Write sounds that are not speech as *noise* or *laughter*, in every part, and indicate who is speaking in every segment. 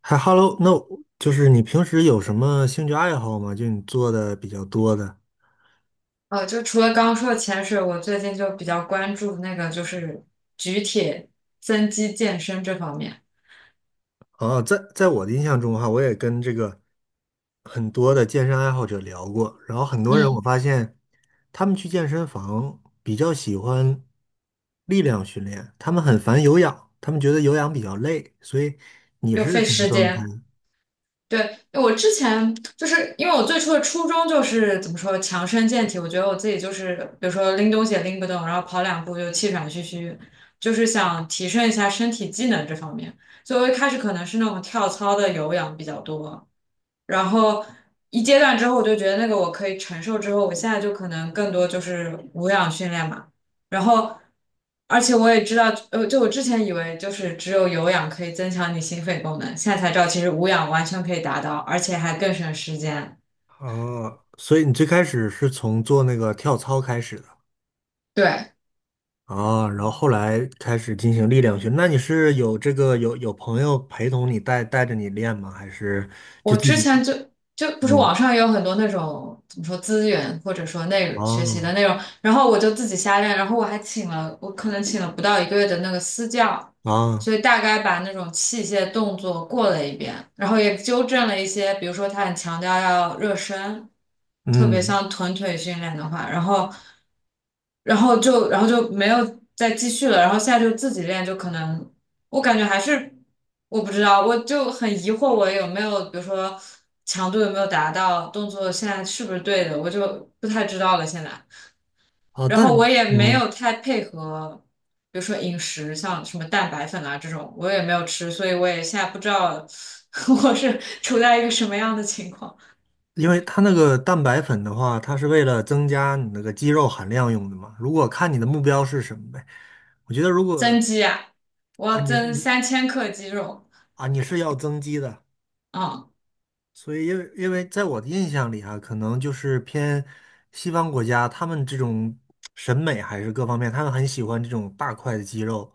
Speaker 1: 还 Hello,那我就是你平时有什么兴趣爱好吗？就你做的比较多的。
Speaker 2: 就除了刚刚说的潜水，我最近就比较关注那个就是举铁、增肌健身这方面。
Speaker 1: 哦，在我的印象中哈，我也跟这个很多的健身爱好者聊过，然后很多人我
Speaker 2: 嗯，
Speaker 1: 发现他们去健身房比较喜欢力量训练，他们很烦有氧，他们觉得有氧比较累，所以你
Speaker 2: 又
Speaker 1: 是
Speaker 2: 费
Speaker 1: 什么
Speaker 2: 时
Speaker 1: 状态？
Speaker 2: 间。对，我之前就是因为我最初的初衷就是怎么说强身健体，我觉得我自己就是比如说拎东西也拎不动，然后跑两步就气喘吁吁，就是想提升一下身体机能这方面。所以我一开始可能是那种跳操的有氧比较多，然后一阶段之后，我就觉得那个我可以承受，之后我现在就可能更多就是无氧训练嘛。然后，而且我也知道，就我之前以为就是只有有氧可以增强你心肺功能，现在才知道其实无氧完全可以达到，而且还更省时间。
Speaker 1: 哦，所以你最开始是从做那个跳操开始的。
Speaker 2: 对，
Speaker 1: 啊，然后后来开始进行力量训。那你是有这个有有朋友陪同你带着你练吗？还是就
Speaker 2: 我
Speaker 1: 自
Speaker 2: 之
Speaker 1: 己？
Speaker 2: 前就不是
Speaker 1: 嗯。
Speaker 2: 网上也有很多那种怎么说资源或者说内容学习的
Speaker 1: 啊。
Speaker 2: 内容，然后我就自己瞎练，然后我还请了我可能请了不到1个月的那个私教，
Speaker 1: 啊。
Speaker 2: 所以大概把那种器械动作过了一遍，然后也纠正了一些，比如说他很强调要热身，特别
Speaker 1: 嗯。
Speaker 2: 像臀腿训练的话，然后然后就然后就没有再继续了，然后现在就自己练，就可能。我感觉还是我不知道，我就很疑惑，我有没有比如说强度有没有达到，动作现在是不是对的，我就不太知道了现在。
Speaker 1: 哦，
Speaker 2: 然后
Speaker 1: 但
Speaker 2: 我也没
Speaker 1: 嗯，
Speaker 2: 有太配合，比如说饮食，像什么蛋白粉啊这种，我也没有吃，所以我也现在不知道 *laughs* 我是处在一个什么样的情况。
Speaker 1: 因为它那个蛋白粉的话，它是为了增加你那个肌肉含量用的嘛。如果看你的目标是什么呗，我觉得如果
Speaker 2: 增肌啊，我
Speaker 1: 啊，
Speaker 2: 要
Speaker 1: 你是
Speaker 2: 增
Speaker 1: 你
Speaker 2: 三千克肌肉，
Speaker 1: 啊，你是要增肌的，
Speaker 2: 啊，
Speaker 1: 所以，因为在我的印象里啊，可能就是偏西方国家，他们这种审美还是各方面，他们很喜欢这种大块的肌肉。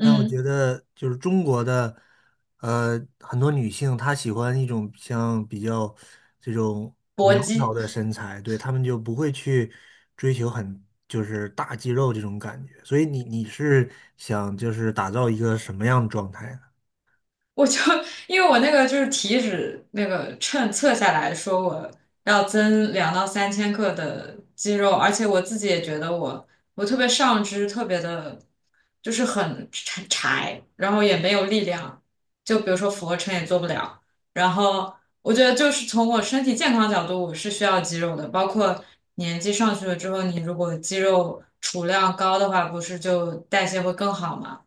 Speaker 1: 但我觉得，就是中国的，很多女性她喜欢一种像比较这种
Speaker 2: 搏
Speaker 1: 苗条
Speaker 2: 击。
Speaker 1: 的身材，对，她们就不会去追求很就是大肌肉这种感觉。所以你是想就是打造一个什么样的状态呢？
Speaker 2: 我就因为我那个就是体脂那个秤测下来说我要增2到3千克的肌肉，而且我自己也觉得我特别上肢特别的，就是很柴，然后也没有力量，就比如说俯卧撑也做不了。然后我觉得就是从我身体健康角度，我是需要肌肉的，包括年纪上去了之后，你如果肌肉储量高的话，不是就代谢会更好嘛？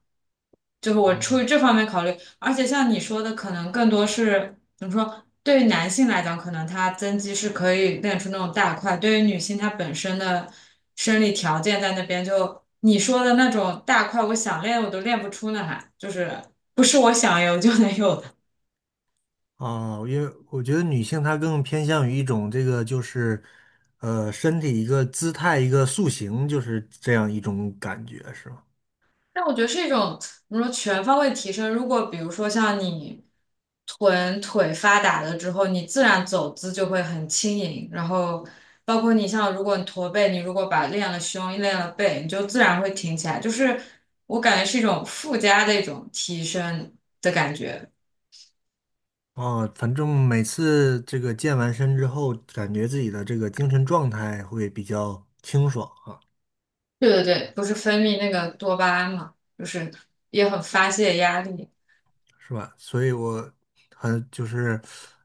Speaker 2: 就是我出于这方面考虑，而且像你说的，可能更多是怎么说？对于男性来讲，可能他增肌是可以练出那种大块；对于女性，她本身的生理条件在那边，就你说的那种大块，我想练我都练不出呢，还就是不是我想有就能有。
Speaker 1: 啊，因为我觉得女性她更偏向于一种这个就是，身体一个姿态一个塑形，就是这样一种感觉，是吗？
Speaker 2: 但我觉得是一种怎么说全方位提升。如果比如说像你臀腿发达了之后，你自然走姿就会很轻盈，然后包括你像如果你驼背，你如果把练了胸、练了背，你就自然会挺起来。就是我感觉是一种附加的一种提升的感觉。
Speaker 1: 啊，反正每次这个健完身之后，感觉自己的这个精神状态会比较清爽啊。
Speaker 2: 对对对，不是分泌那个多巴胺嘛，就是也很发泄压力。
Speaker 1: 是吧？所以我很就是，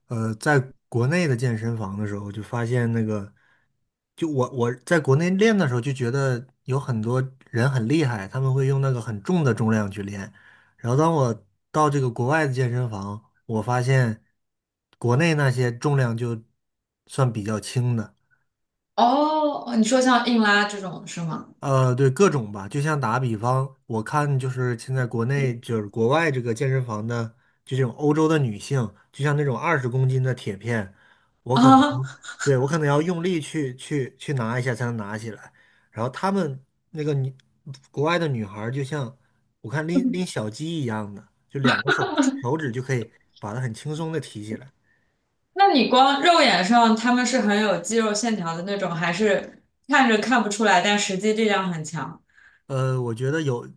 Speaker 1: 在国内的健身房的时候，就发现那个，就我在国内练的时候，就觉得有很多人很厉害，他们会用那个很重的重量去练。然后当我到这个国外的健身房，我发现国内那些重量就算比较轻的。
Speaker 2: 哦，你说像硬拉这种是吗？
Speaker 1: 对，各种吧，就像打比方，我看就是现在国内就是国外这个健身房的，就这种欧洲的女性，就像那种20公斤的铁片，我
Speaker 2: *laughs*
Speaker 1: 可能
Speaker 2: 啊。
Speaker 1: 对我可能要用力去拿一下才能拿起来，然后她们那个女国外的女孩儿就像我看拎小鸡一样的，就两个手手指就可以把它很轻松的提起来。
Speaker 2: 那你光肉眼上他们是很有肌肉线条的那种，还是看着看不出来，但实际力量很强？
Speaker 1: 呃，我觉得有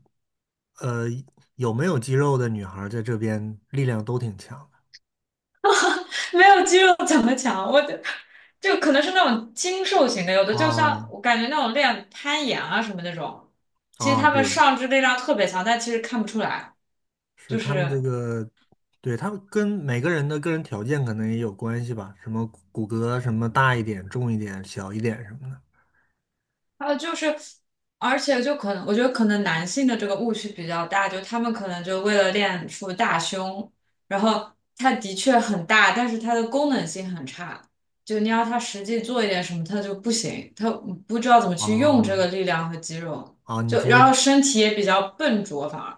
Speaker 1: 呃有没有肌肉的女孩儿在这边力量都挺强的。
Speaker 2: *laughs* 没有肌肉怎么强？我就可能是那种精瘦型的，有的就像
Speaker 1: 啊。
Speaker 2: 我感觉那种练攀岩啊什么那种，其实
Speaker 1: 啊，
Speaker 2: 他们
Speaker 1: 对，
Speaker 2: 上肢力量特别强，但其实看不出来，
Speaker 1: 是
Speaker 2: 就
Speaker 1: 他们
Speaker 2: 是
Speaker 1: 这个，对，他们跟每个人的个人条件可能也有关系吧，什么骨骼什么大一点、重一点、小一点什么的。
Speaker 2: 还有就是，而且就可能，我觉得可能男性的这个误区比较大，就他们可能就为了练出大胸，然后它的确很大，但是它的功能性很差，就你要他实际做一点什么，他就不行，他不知道怎么去用这个
Speaker 1: 哦。
Speaker 2: 力量和肌肉，
Speaker 1: 啊，你
Speaker 2: 就
Speaker 1: 说
Speaker 2: 然后身体也比较笨拙，反而。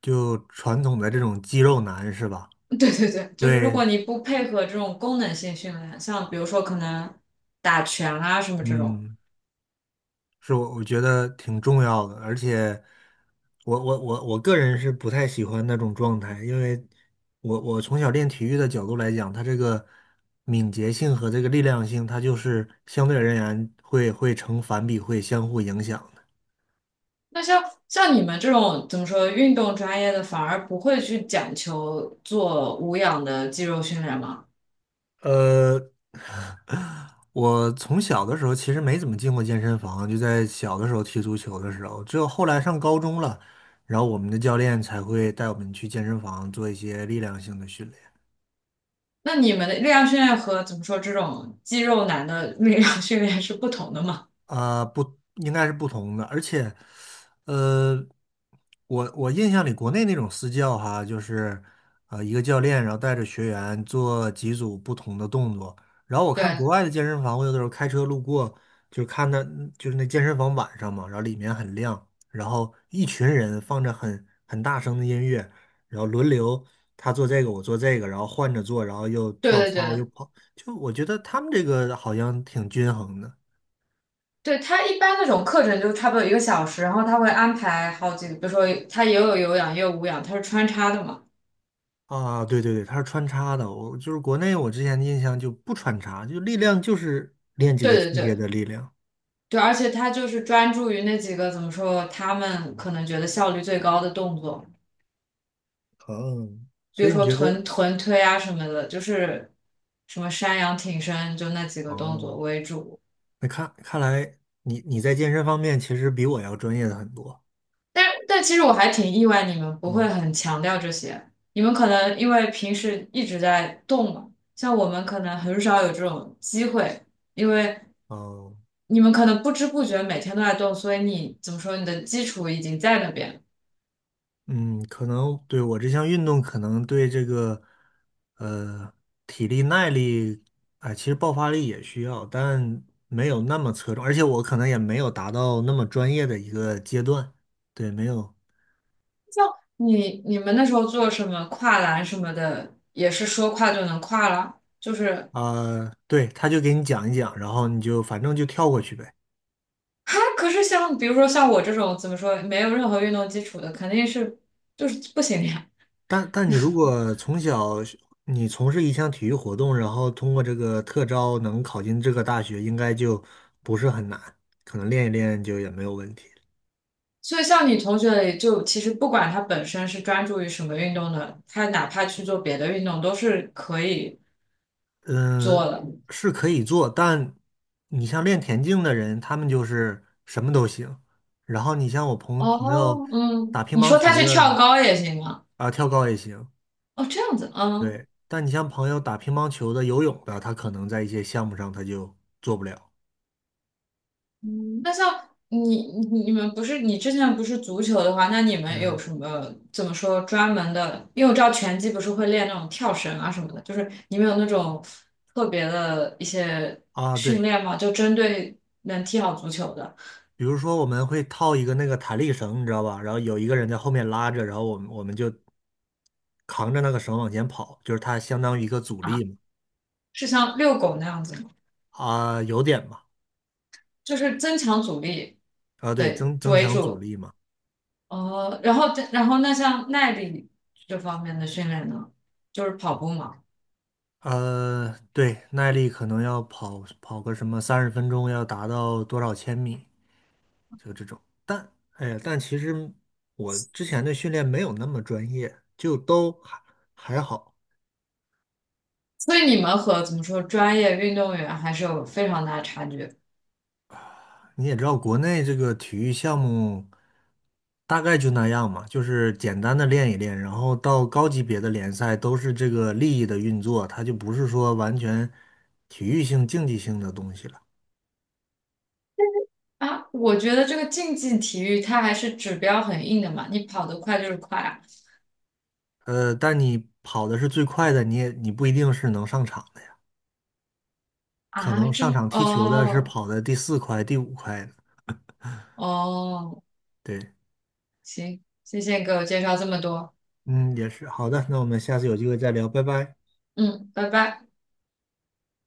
Speaker 1: 就传统的这种肌肉男是吧？
Speaker 2: *laughs* 对对对，就是如
Speaker 1: 对。
Speaker 2: 果你不配合这种功能性训练，像比如说可能打拳啊什么这种。
Speaker 1: 嗯，是我觉得挺重要的，而且我个人是不太喜欢那种状态，因为我从小练体育的角度来讲，它这个敏捷性和这个力量性，它就是相对而言会成反比，会相互影响的。
Speaker 2: 那像像你们这种怎么说运动专业的，反而不会去讲求做无氧的肌肉训练吗？
Speaker 1: 呃，*laughs* 我从小的时候其实没怎么进过健身房，就在小的时候踢足球的时候，只有后来上高中了，然后我们的教练才会带我们去健身房做一些力量性的训练。
Speaker 2: 那你们的力量训练和怎么说这种肌肉男的力量训练是不同的吗？
Speaker 1: 啊，不，应该是不同的，而且，呃，我我印象里国内那种私教哈，就是一个教练，然后带着学员做几组不同的动作，然后我看国
Speaker 2: 对
Speaker 1: 外的健身房，我有的时候开车路过，就看到就是那健身房晚上嘛，然后里面很亮，然后一群人放着很大声的音乐，然后轮流他做这个，我做这个，然后换着做，然后又
Speaker 2: 对
Speaker 1: 跳
Speaker 2: 对
Speaker 1: 操又
Speaker 2: 对
Speaker 1: 跑，就我觉得他们这个好像挺均衡的。
Speaker 2: 对，他一般那种课程就差不多1个小时，然后他会安排好几个，比如说他也有有氧也有无氧，他是穿插的嘛。
Speaker 1: 啊，对对对，它是穿插的。我就是国内，我之前的印象就不穿插，就力量就是练几
Speaker 2: 对
Speaker 1: 个器
Speaker 2: 对
Speaker 1: 械的
Speaker 2: 对
Speaker 1: 力量。
Speaker 2: 对，而且他就是专注于那几个怎么说他们可能觉得效率最高的动作。
Speaker 1: 哦，
Speaker 2: 比
Speaker 1: 所
Speaker 2: 如
Speaker 1: 以你
Speaker 2: 说
Speaker 1: 觉
Speaker 2: 臀
Speaker 1: 得，
Speaker 2: 臀推啊什么的，就是什么山羊挺身，就那几个动
Speaker 1: 哦，
Speaker 2: 作为主。
Speaker 1: 那看看来你你在健身方面其实比我要专业的很多。
Speaker 2: 但其实我还挺意外，你们不会
Speaker 1: 嗯。
Speaker 2: 很强调这些，你们可能因为平时一直在动嘛，像我们可能很少有这种机会，因为
Speaker 1: 哦。
Speaker 2: 你们可能不知不觉每天都在动，所以你怎么说，你的基础已经在那边。
Speaker 1: 嗯，可能对我这项运动，可能对这个呃体力耐力，哎，其实爆发力也需要，但没有那么侧重，而且我可能也没有达到那么专业的一个阶段。对，没有。
Speaker 2: 你们那时候做什么跨栏什么的，也是说跨就能跨了，就是
Speaker 1: 啊、对，他就给你讲一讲，然后你就反正就跳过去呗。
Speaker 2: 哈，可是像比如说像我这种怎么说没有任何运动基础的，肯定是就是不行的呀。
Speaker 1: 但你如果从小是你从事一项体育活动，然后通过这个特招能考进这个大学，应该就不是很难，可能练一练就也没有问题。
Speaker 2: 所以像你同学里，就其实不管他本身是专注于什么运动的，他哪怕去做别的运动都是可以做
Speaker 1: 嗯、
Speaker 2: 的。
Speaker 1: 是可以做，但你像练田径的人，他们就是什么都行。然后你像我朋友
Speaker 2: 哦，嗯，
Speaker 1: 打乒
Speaker 2: 你
Speaker 1: 乓
Speaker 2: 说他
Speaker 1: 球
Speaker 2: 去
Speaker 1: 的
Speaker 2: 跳高也行啊？
Speaker 1: 啊、跳高也行。
Speaker 2: 哦，这样子，嗯。
Speaker 1: 对，但你像朋友打乒乓球的、游泳的，他可能在一些项目上他就做不了。
Speaker 2: 嗯，那像你们不是你之前不是足球的话，那你们有
Speaker 1: 嗯。
Speaker 2: 什么怎么说专门的？因为我知道拳击不是会练那种跳绳啊什么的，就是你们有那种特别的一些
Speaker 1: 啊，
Speaker 2: 训
Speaker 1: 对，
Speaker 2: 练吗？就针对能踢好足球的
Speaker 1: 比如说我们会套一个那个弹力绳，你知道吧？然后有一个人在后面拉着，然后我们就扛着那个绳往前跑，就是它相当于一个阻
Speaker 2: 啊，
Speaker 1: 力嘛。
Speaker 2: 是像遛狗那样子吗？
Speaker 1: 啊，有点吧。
Speaker 2: 就是增强阻力，
Speaker 1: 啊，对，
Speaker 2: 对，
Speaker 1: 增增
Speaker 2: 为
Speaker 1: 强阻
Speaker 2: 主。
Speaker 1: 力嘛。
Speaker 2: 哦，然后那像耐力这方面的训练呢，就是跑步嘛。
Speaker 1: 对，耐力可能要跑跑个什么30分钟，要达到多少千米？就这种。但哎呀，但其实我之前的训练没有那么专业，就都还还好。
Speaker 2: 所以你们和怎么说专业运动员还是有非常大的差距
Speaker 1: 你也知道，国内这个体育项目大概就那样嘛，就是简单的练一练，然后到高级别的联赛都是这个利益的运作，它就不是说完全体育性、竞技性的东西了。
Speaker 2: 啊！我觉得这个竞技体育它还是指标很硬的嘛，你跑得快就是快啊！
Speaker 1: 但你跑的是最快的，你不一定是能上场的呀，可
Speaker 2: 啊，
Speaker 1: 能
Speaker 2: 这
Speaker 1: 上
Speaker 2: 么
Speaker 1: 场踢球的是
Speaker 2: 哦
Speaker 1: 跑的第四快、第五快的，
Speaker 2: 哦，
Speaker 1: 对。
Speaker 2: 行，谢谢你给我介绍这么多，
Speaker 1: 嗯，也是。好的，那我们下次有机会再聊，拜拜。
Speaker 2: 嗯，拜拜。